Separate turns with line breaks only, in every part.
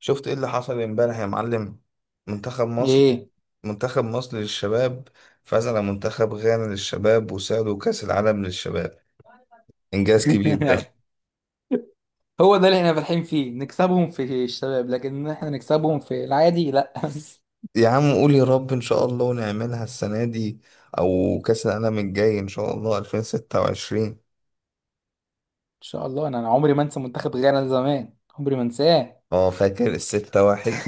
شفت ايه اللي حصل امبارح يا معلم؟ منتخب مصر
ايه.
منتخب مصر للشباب فاز على منتخب غانا للشباب وساعدوا كأس العالم للشباب. انجاز كبير ده.
هو ده اللي احنا فالحين فيه، نكسبهم في الشباب، لكن إن احنا نكسبهم في العادي، لا. ان
يا عم قول يا رب ان شاء الله ونعملها السنة دي، او كأس العالم الجاي ان شاء الله 2026.
شاء الله. أنا عمري ما انسى منتخب غانا زمان، عمري ما انساه.
اه، فاكر ال6-1؟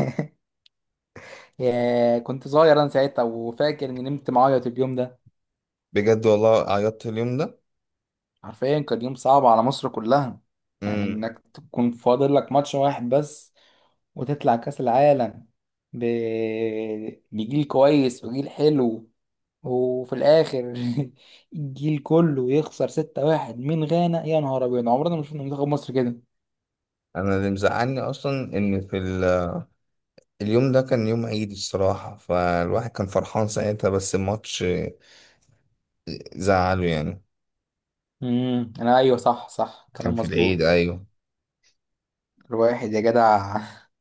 يا، كنت صغير انا ساعتها، وفاكر اني نمت معيط اليوم ده.
بجد والله عيطت اليوم ده.
حرفيا كان يوم صعب على مصر كلها. يعني
امم
انك تكون فاضل لك ماتش واحد بس وتطلع كاس العالم ب... بجيل كويس وجيل حلو. وفي الاخر الجيل كله يخسر 6-1 من غانا. يا نهار ابيض، عمرنا ما شفنا منتخب مصر كده.
انا اللي مزعلني اصلا ان اليوم ده كان يوم عيد الصراحة، فالواحد كان فرحان ساعتها بس الماتش زعله يعني.
انا، ايوه، صح صح،
كان
كلام
في العيد،
مظبوط.
ايوه.
الواحد يا جدع.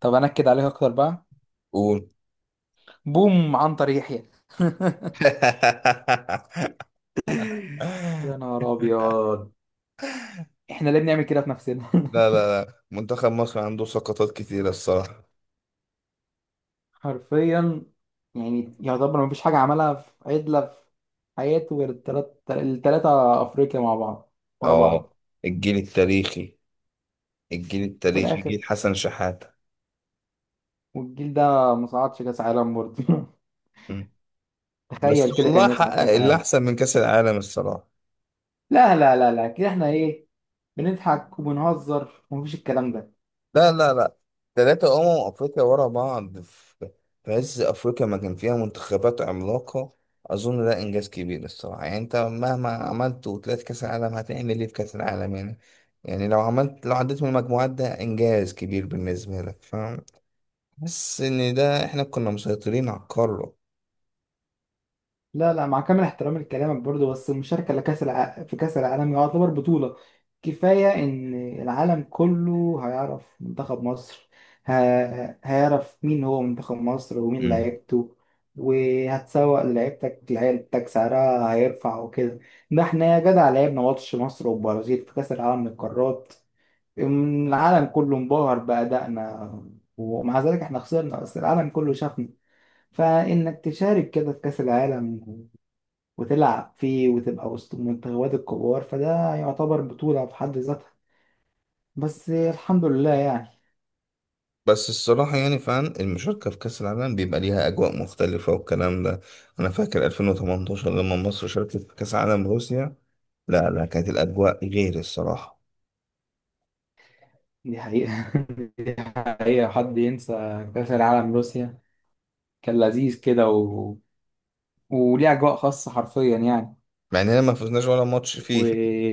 طب انكد عليك اكتر بقى.
قول.
بوم عنتر يحيى. يا نهار ابيض، احنا ليه بنعمل كده في نفسنا؟
لا لا لا، منتخب مصر عنده سقطات كتيرة الصراحة.
حرفيا. يعني يعتبر مفيش حاجه عملها في عدله في حياته غير التلاته افريقيا مع بعض، ورا
اه.
بعض.
الجيل التاريخي. الجيل
وفي
التاريخي،
الاخر،
جيل حسن شحاتة.
والجيل ده ما صعدش كاس عالم برضه.
مم. بس
تخيل كده، كان
والله
يصعد
حقق
كاس
اللي
عالم.
احسن من كأس العالم الصراحة.
لا لا لا لا، كده احنا ايه، بنضحك وبنهزر ومفيش الكلام ده.
لا لا لا. ثلاثة أمم أفريقيا ورا بعض في عز أفريقيا ما كان فيها منتخبات عملاقة. أظن ده إنجاز كبير الصراحة، يعني أنت مهما عملت وطلعت كأس العالم هتعمل إيه في كأس العالم يعني. يعني لو عديت من المجموعات ده إنجاز كبير بالنسبة لك، فاهم. بس إن ده إحنا كنا مسيطرين على القارة.
لا لا، مع كامل احترامي لكلامك برضه، بس المشاركه في كاس العالم يعتبر بطوله. كفايه ان العالم كله هيعرف منتخب مصر، ه... هيعرف مين هو منتخب مصر ومين
مم.
لعيبته. وهتسوق لعيبتك. لعيبتك سعرها هيرفع وكده. ده احنا يا جدع لعبنا ماتش مصر والبرازيل في كاس العالم للقارات. العالم كله انبهر بأدائنا، ومع ذلك احنا خسرنا، بس العالم كله شافنا. فإنك تشارك كده في كأس العالم وتلعب فيه وتبقى وسط المنتخبات الكبار، فده يعتبر بطولة في حد ذاتها. بس الحمد لله يعني.
بس الصراحة يعني فعلا المشاركة في كأس العالم بيبقى ليها أجواء مختلفة والكلام ده. أنا فاكر 2018 لما مصر شاركت في كأس عالم روسيا. لا لا، كانت الأجواء غير الصراحة.
دي حقيقة. دي حقيقة، حد ينسى؟ كأس العالم روسيا كان لذيذ كده وليه أجواء خاصة، حرفيا يعني.
مع إننا ما فزناش ولا ماتش
و
فيه.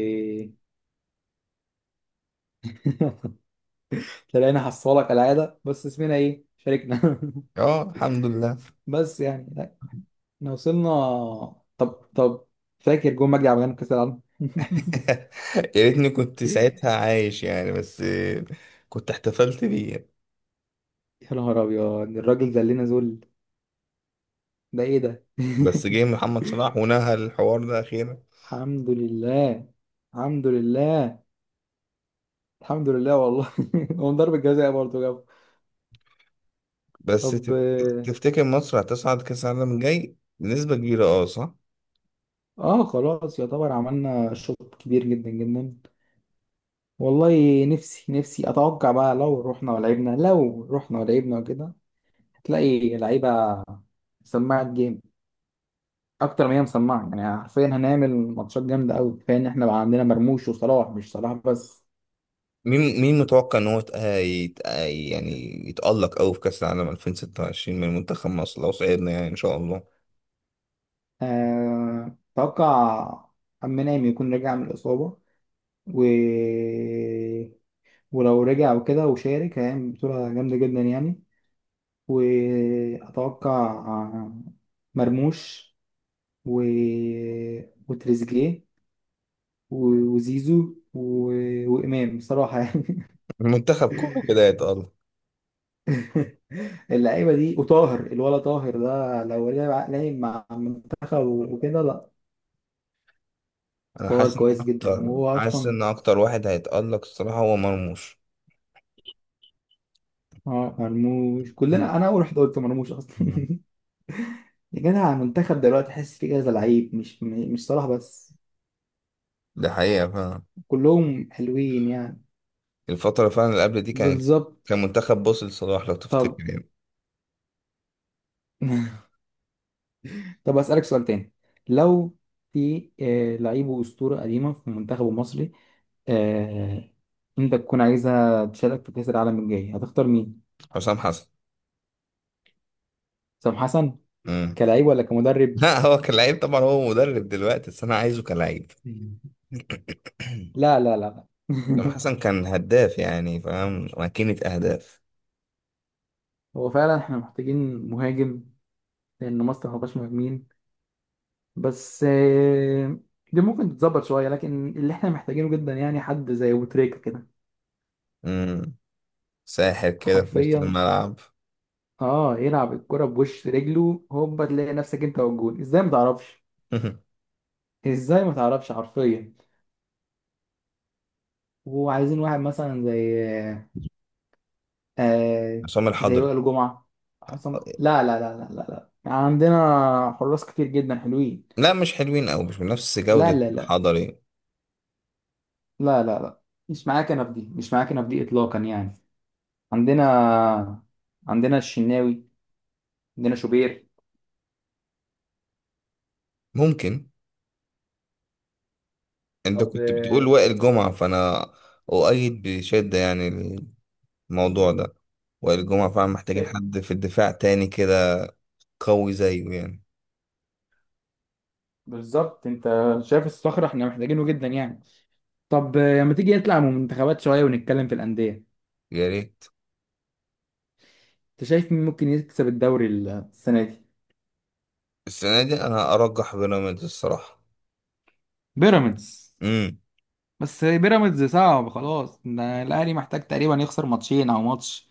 تلاقينا حصالة كالعادة، بس اسمنا إيه، شاركنا.
اه، الحمد لله.
بس يعني احنا وصلنا. طب فاكر جون مجدي عبد الغني في كاس العالم؟
يا ريتني كنت ساعتها عايش يعني، بس كنت احتفلت بيه يعني.
يا نهار ابيض، الراجل ذلنا ذل. ده ايه ده؟
بس جه محمد صلاح ونهى الحوار ده أخيرا.
الحمد لله. الحمد لله. الحمد لله والله. هو من ضربة جزاء برضه جاب.
بس
طب
تفتكر مصر هتصعد كأس العالم الجاي بنسبة كبيرة؟ اه، صح.
اه خلاص. يعتبر عملنا شوط كبير جدا جدا. والله نفسي اتوقع بقى، لو رحنا ولعبنا وكده. هتلاقي لعيبة سماعة جيم اكتر ما هي مسمعه، يعني حرفيا هنعمل ماتشات جامده قوي. كفايه ان احنا بقى عندنا مرموش وصلاح، مش صلاح بس.
مين متوقع إن هو يعني يتألق أوي في كأس العالم 2026 من منتخب مصر لو صعدنا يعني إن شاء الله.
اتوقع امام يكون رجع من الاصابه و... ولو رجع وكده وشارك، هيعمل بطوله جامده جدا يعني. واتوقع مرموش و... وتريزيجيه وزيزو وامام بصراحه.
المنتخب كله كده يتألق.
اللعيبه دي وطاهر. الولا طاهر ده لو لعب مع المنتخب وكده، لا.
انا
طاهر كويس جدا وهو
حاسس
اصلا.
ان اكتر واحد هيتألق الصراحة هو مرموش.
اه، مرموش كلنا، انا اول واحد قلت مرموش اصلا.
مم.
يا جدع المنتخب دلوقتي تحس فيه كذا لعيب، مش مش صلاح بس،
ده حقيقة فعلا.
كلهم حلوين يعني.
الفترة فعلا اللي قبل دي كان
بالظبط.
كان منتخب بص لصلاح لو
طب،
تفتكر يعني.
طب اسالك سؤال تاني. لو في لعيب واسطوره قديمه في المنتخب المصري، آه، انت تكون عايزه تشارك في كاس العالم الجاي، هتختار مين؟
حسام حسن.
سام حسن؟
امم
كلاعب ولا كمدرب؟
لا، هو كلاعب طبعا، هو مدرب دلوقتي بس انا عايزه كلاعب.
مم. لا لا لا.
حسام حسن كان هداف يعني، فاهم، ماكينة اهداف.
هو فعلا احنا محتاجين مهاجم. لان مصر ما فيهاش مهاجمين، بس دي ممكن تتظبط شويه. لكن اللي احنا محتاجينه جدا، يعني حد زي ابو تريكه كده.
امم ساحر كده في وسط
حرفيا.
الملعب.
اه يلعب الكره بوش رجله، هوبا تلاقي نفسك انت والجون، ازاي ما تعرفش، ازاي ما تعرفش، حرفيا. وعايزين واحد مثلا زي آه،
عصام
زي
الحضري.
وائل جمعه. حسام، لا لا لا لا لا لا، عندنا حراس كتير جدا حلوين.
لا مش حلوين او مش بنفس
لا
جودة
لا لا
الحضري.
لا لا لا، مش معايا كنب دي، مش معايا كنب دي اطلاقا يعني. عندنا عندنا الشناوي، عندنا شوبير.
ممكن. انت
طب
كنت بتقول وائل جمعة فانا اؤيد بشدة يعني الموضوع ده. وائل جمعة فعلا محتاجين
شايف.
حد في الدفاع تاني كده قوي زيه يعني.
بالظبط انت شايف الصخرة، احنا محتاجينه جدا يعني. طب لما تيجي نطلع من المنتخبات شوية ونتكلم في الأندية،
يا ريت.
انت شايف مين ممكن يكسب الدوري السنة دي؟
السنة دي انا ارجح بيراميدز الصراحة.
بيراميدز؟
امم
بس بيراميدز صعب خلاص، ده الاهلي محتاج تقريبا يخسر ماتشين او ماتش.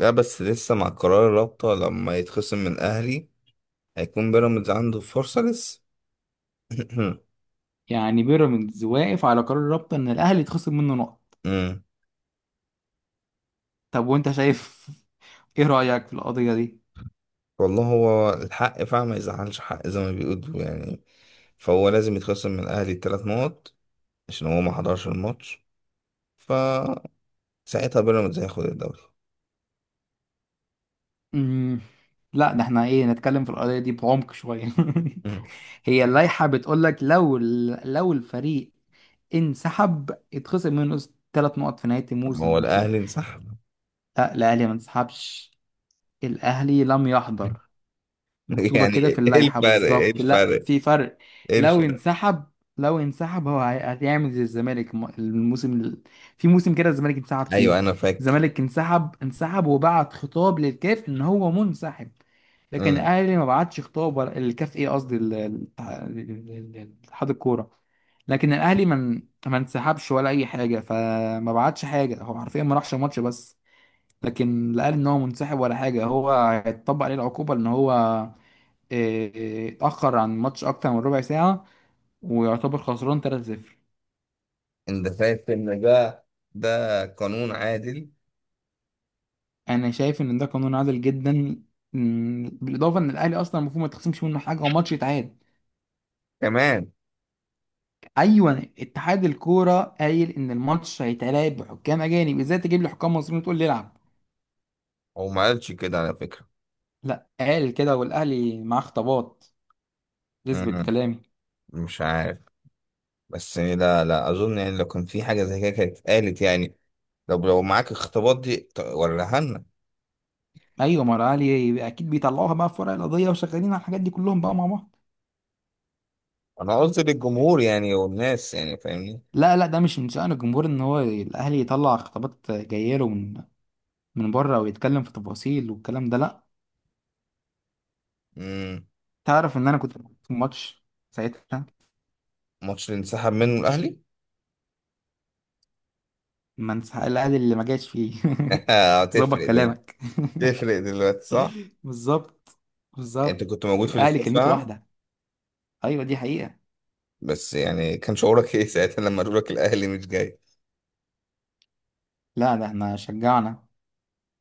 لا بس لسه مع قرار الرابطة لما يتخصم من اهلي، هيكون بيراميدز عنده فرصة لسه.
يعني بيراميدز واقف على قرار الرابطه ان الاهلي يتخصم منه نقط.
امم
طب، وانت شايف، ايه رأيك في القضية دي؟
والله هو الحق فعلا ما يزعلش حق زي ما بيقولوا يعني، فهو لازم يتخصم من الاهلي 3 نقط عشان هو ما حضرش الماتش، ف ساعتها بيراميدز هياخد الدوري.
مم. لا، ده احنا ايه، نتكلم في القضية دي بعمق شوية.
مم.
هي اللائحة بتقولك لو لو الفريق انسحب يتخصم منه 3 نقط في نهاية
طب ما هو
الموسم وكده.
الاهلي انسحب.
لا، الأهلي ما انسحبش. الأهلي لم يحضر، مكتوبة
يعني
كده في
ايه
اللائحة
الفرق ايه
بالظبط. لا،
الفرق
في فرق.
ايه
لو
الفرق.
انسحب لو انسحب هو هيعمل زي الزمالك الموسم في موسم كده الزمالك انسحب فيه.
ايوه انا فاكر.
الزمالك انسحب وبعت خطاب للكاف ان هو منسحب. لكن
مم.
الاهلي ما بعتش خطاب ولا الكاف، ايه قصدي، اتحاد الكورة. لكن الاهلي ما انسحبش ولا اي حاجة، فما بعتش حاجة، هو حرفيا ما راحش الماتش بس. لكن لا قال ان هو منسحب ولا حاجة، هو هيتطبق عليه العقوبة ان هو اتأخر عن الماتش أكتر من ربع ساعة ويعتبر خسران 3-0.
انت فاكر ان ده قانون عادل؟
أنا شايف إن ده قانون عادل جدا، بالإضافة إن الأهلي أصلا المفروض ما يتخصمش منه حاجة وماتش يتعاد.
كمان.
أيوة، اتحاد الكورة قايل إن الماتش هيتلعب بحكام أجانب، إزاي تجيب لي حكام مصريين وتقول لي العب؟
هو ما قالش كده على فكره.
لا، قال كده والأهلي معاه خطابات تثبت
مم.
كلامي.
مش عارف، بس لا لا اظن يعني لو كان في حاجه زي كده كانت اتقالت يعني. طب لو معاك اختبار دي وريها لنا.
أيوة، ما الأهلي أكيد بيطلعوها بقى في ورق القضية، وشغالين على الحاجات دي كلهم بقى مع بعض.
انا قصدي للجمهور يعني والناس يعني، فاهمني.
لا لا، ده مش من شأن الجمهور ان هو الاهلي يطلع خطابات جايه له من بره ويتكلم في تفاصيل والكلام ده، لا.
مم.
تعرف ان انا كنت في الماتش ساعتها،
ماتش اللي انسحب منه الاهلي.
ما انسحق الاهلي، اللي ما جاش فيه. ظبط
هتفرق.
كلامك.
تفرق دلوقتي صح؟
بالظبط.
يعني انت
بالظبط.
كنت موجود في
الاهلي
الاستاد
كلمته
فعلا.
واحده، ايوه دي حقيقه.
بس يعني كان شعورك ايه ساعتها لما قالوا لك الاهلي مش جاي؟
لا، ده احنا شجعنا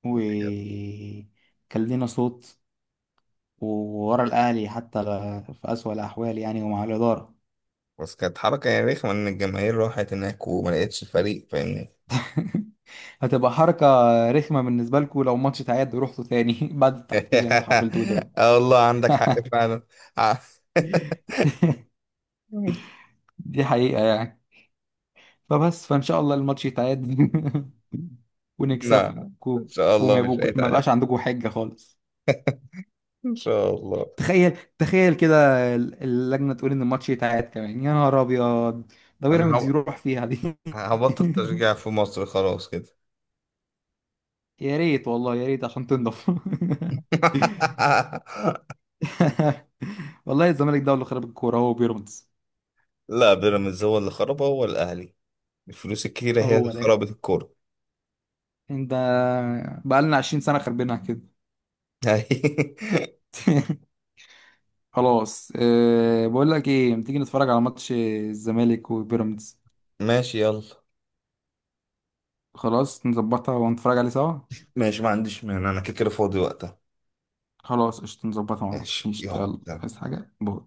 وكان لينا صوت وورا الاهلي حتى في اسوأ الاحوال يعني، ومع الاداره.
بس كانت حركة يعني رخمة ان الجماهير راحت هناك وما لقيتش الفريق، فاهمني؟
هتبقى حركه رخمه بالنسبه لكم لو ماتش تعادل ورحتوا تاني بعد التحفيل اللي انتوا حفلتوه ده.
اه والله عندك حق فعلا. ع-
دي حقيقه يعني. فبس فان شاء الله الماتش يتعاد
لا، ان
ونكسبكو
شاء الله مش
ما
هيتعرف.
يبقاش عندكم حجه خالص.
ان شاء الله.
تخيل كده، اللجنه تقول ان الماتش يتعاد كمان، يا نهار ابيض، ده
انا
بيراميدز يروح فيها دي.
هبطل تشجيع في مصر خلاص كده.
يا ريت والله يا ريت عشان تنضف. والله الزمالك ده هو اللي خرب الكوره. هو بيراميدز.
لا بيراميدز هو اللي خربها، هو الاهلي. الفلوس الكتيرة هي اللي
هو لا،
خربت الكورة.
انت، بقالنا 20 سنه خربينها كده. خلاص. بقول لك ايه، ما تيجي نتفرج على ماتش الزمالك وبيراميدز؟
ماشي يلا.
خلاص نظبطها ونتفرج عليه سوا.
ماشي ما عنديش مانع، انا كده كده فاضي وقتها.
خلاص قشطة نظبطها مع بعض.
ماشي
قشطة
يلا
يلا، عايز
يلا.
حاجة؟ باي.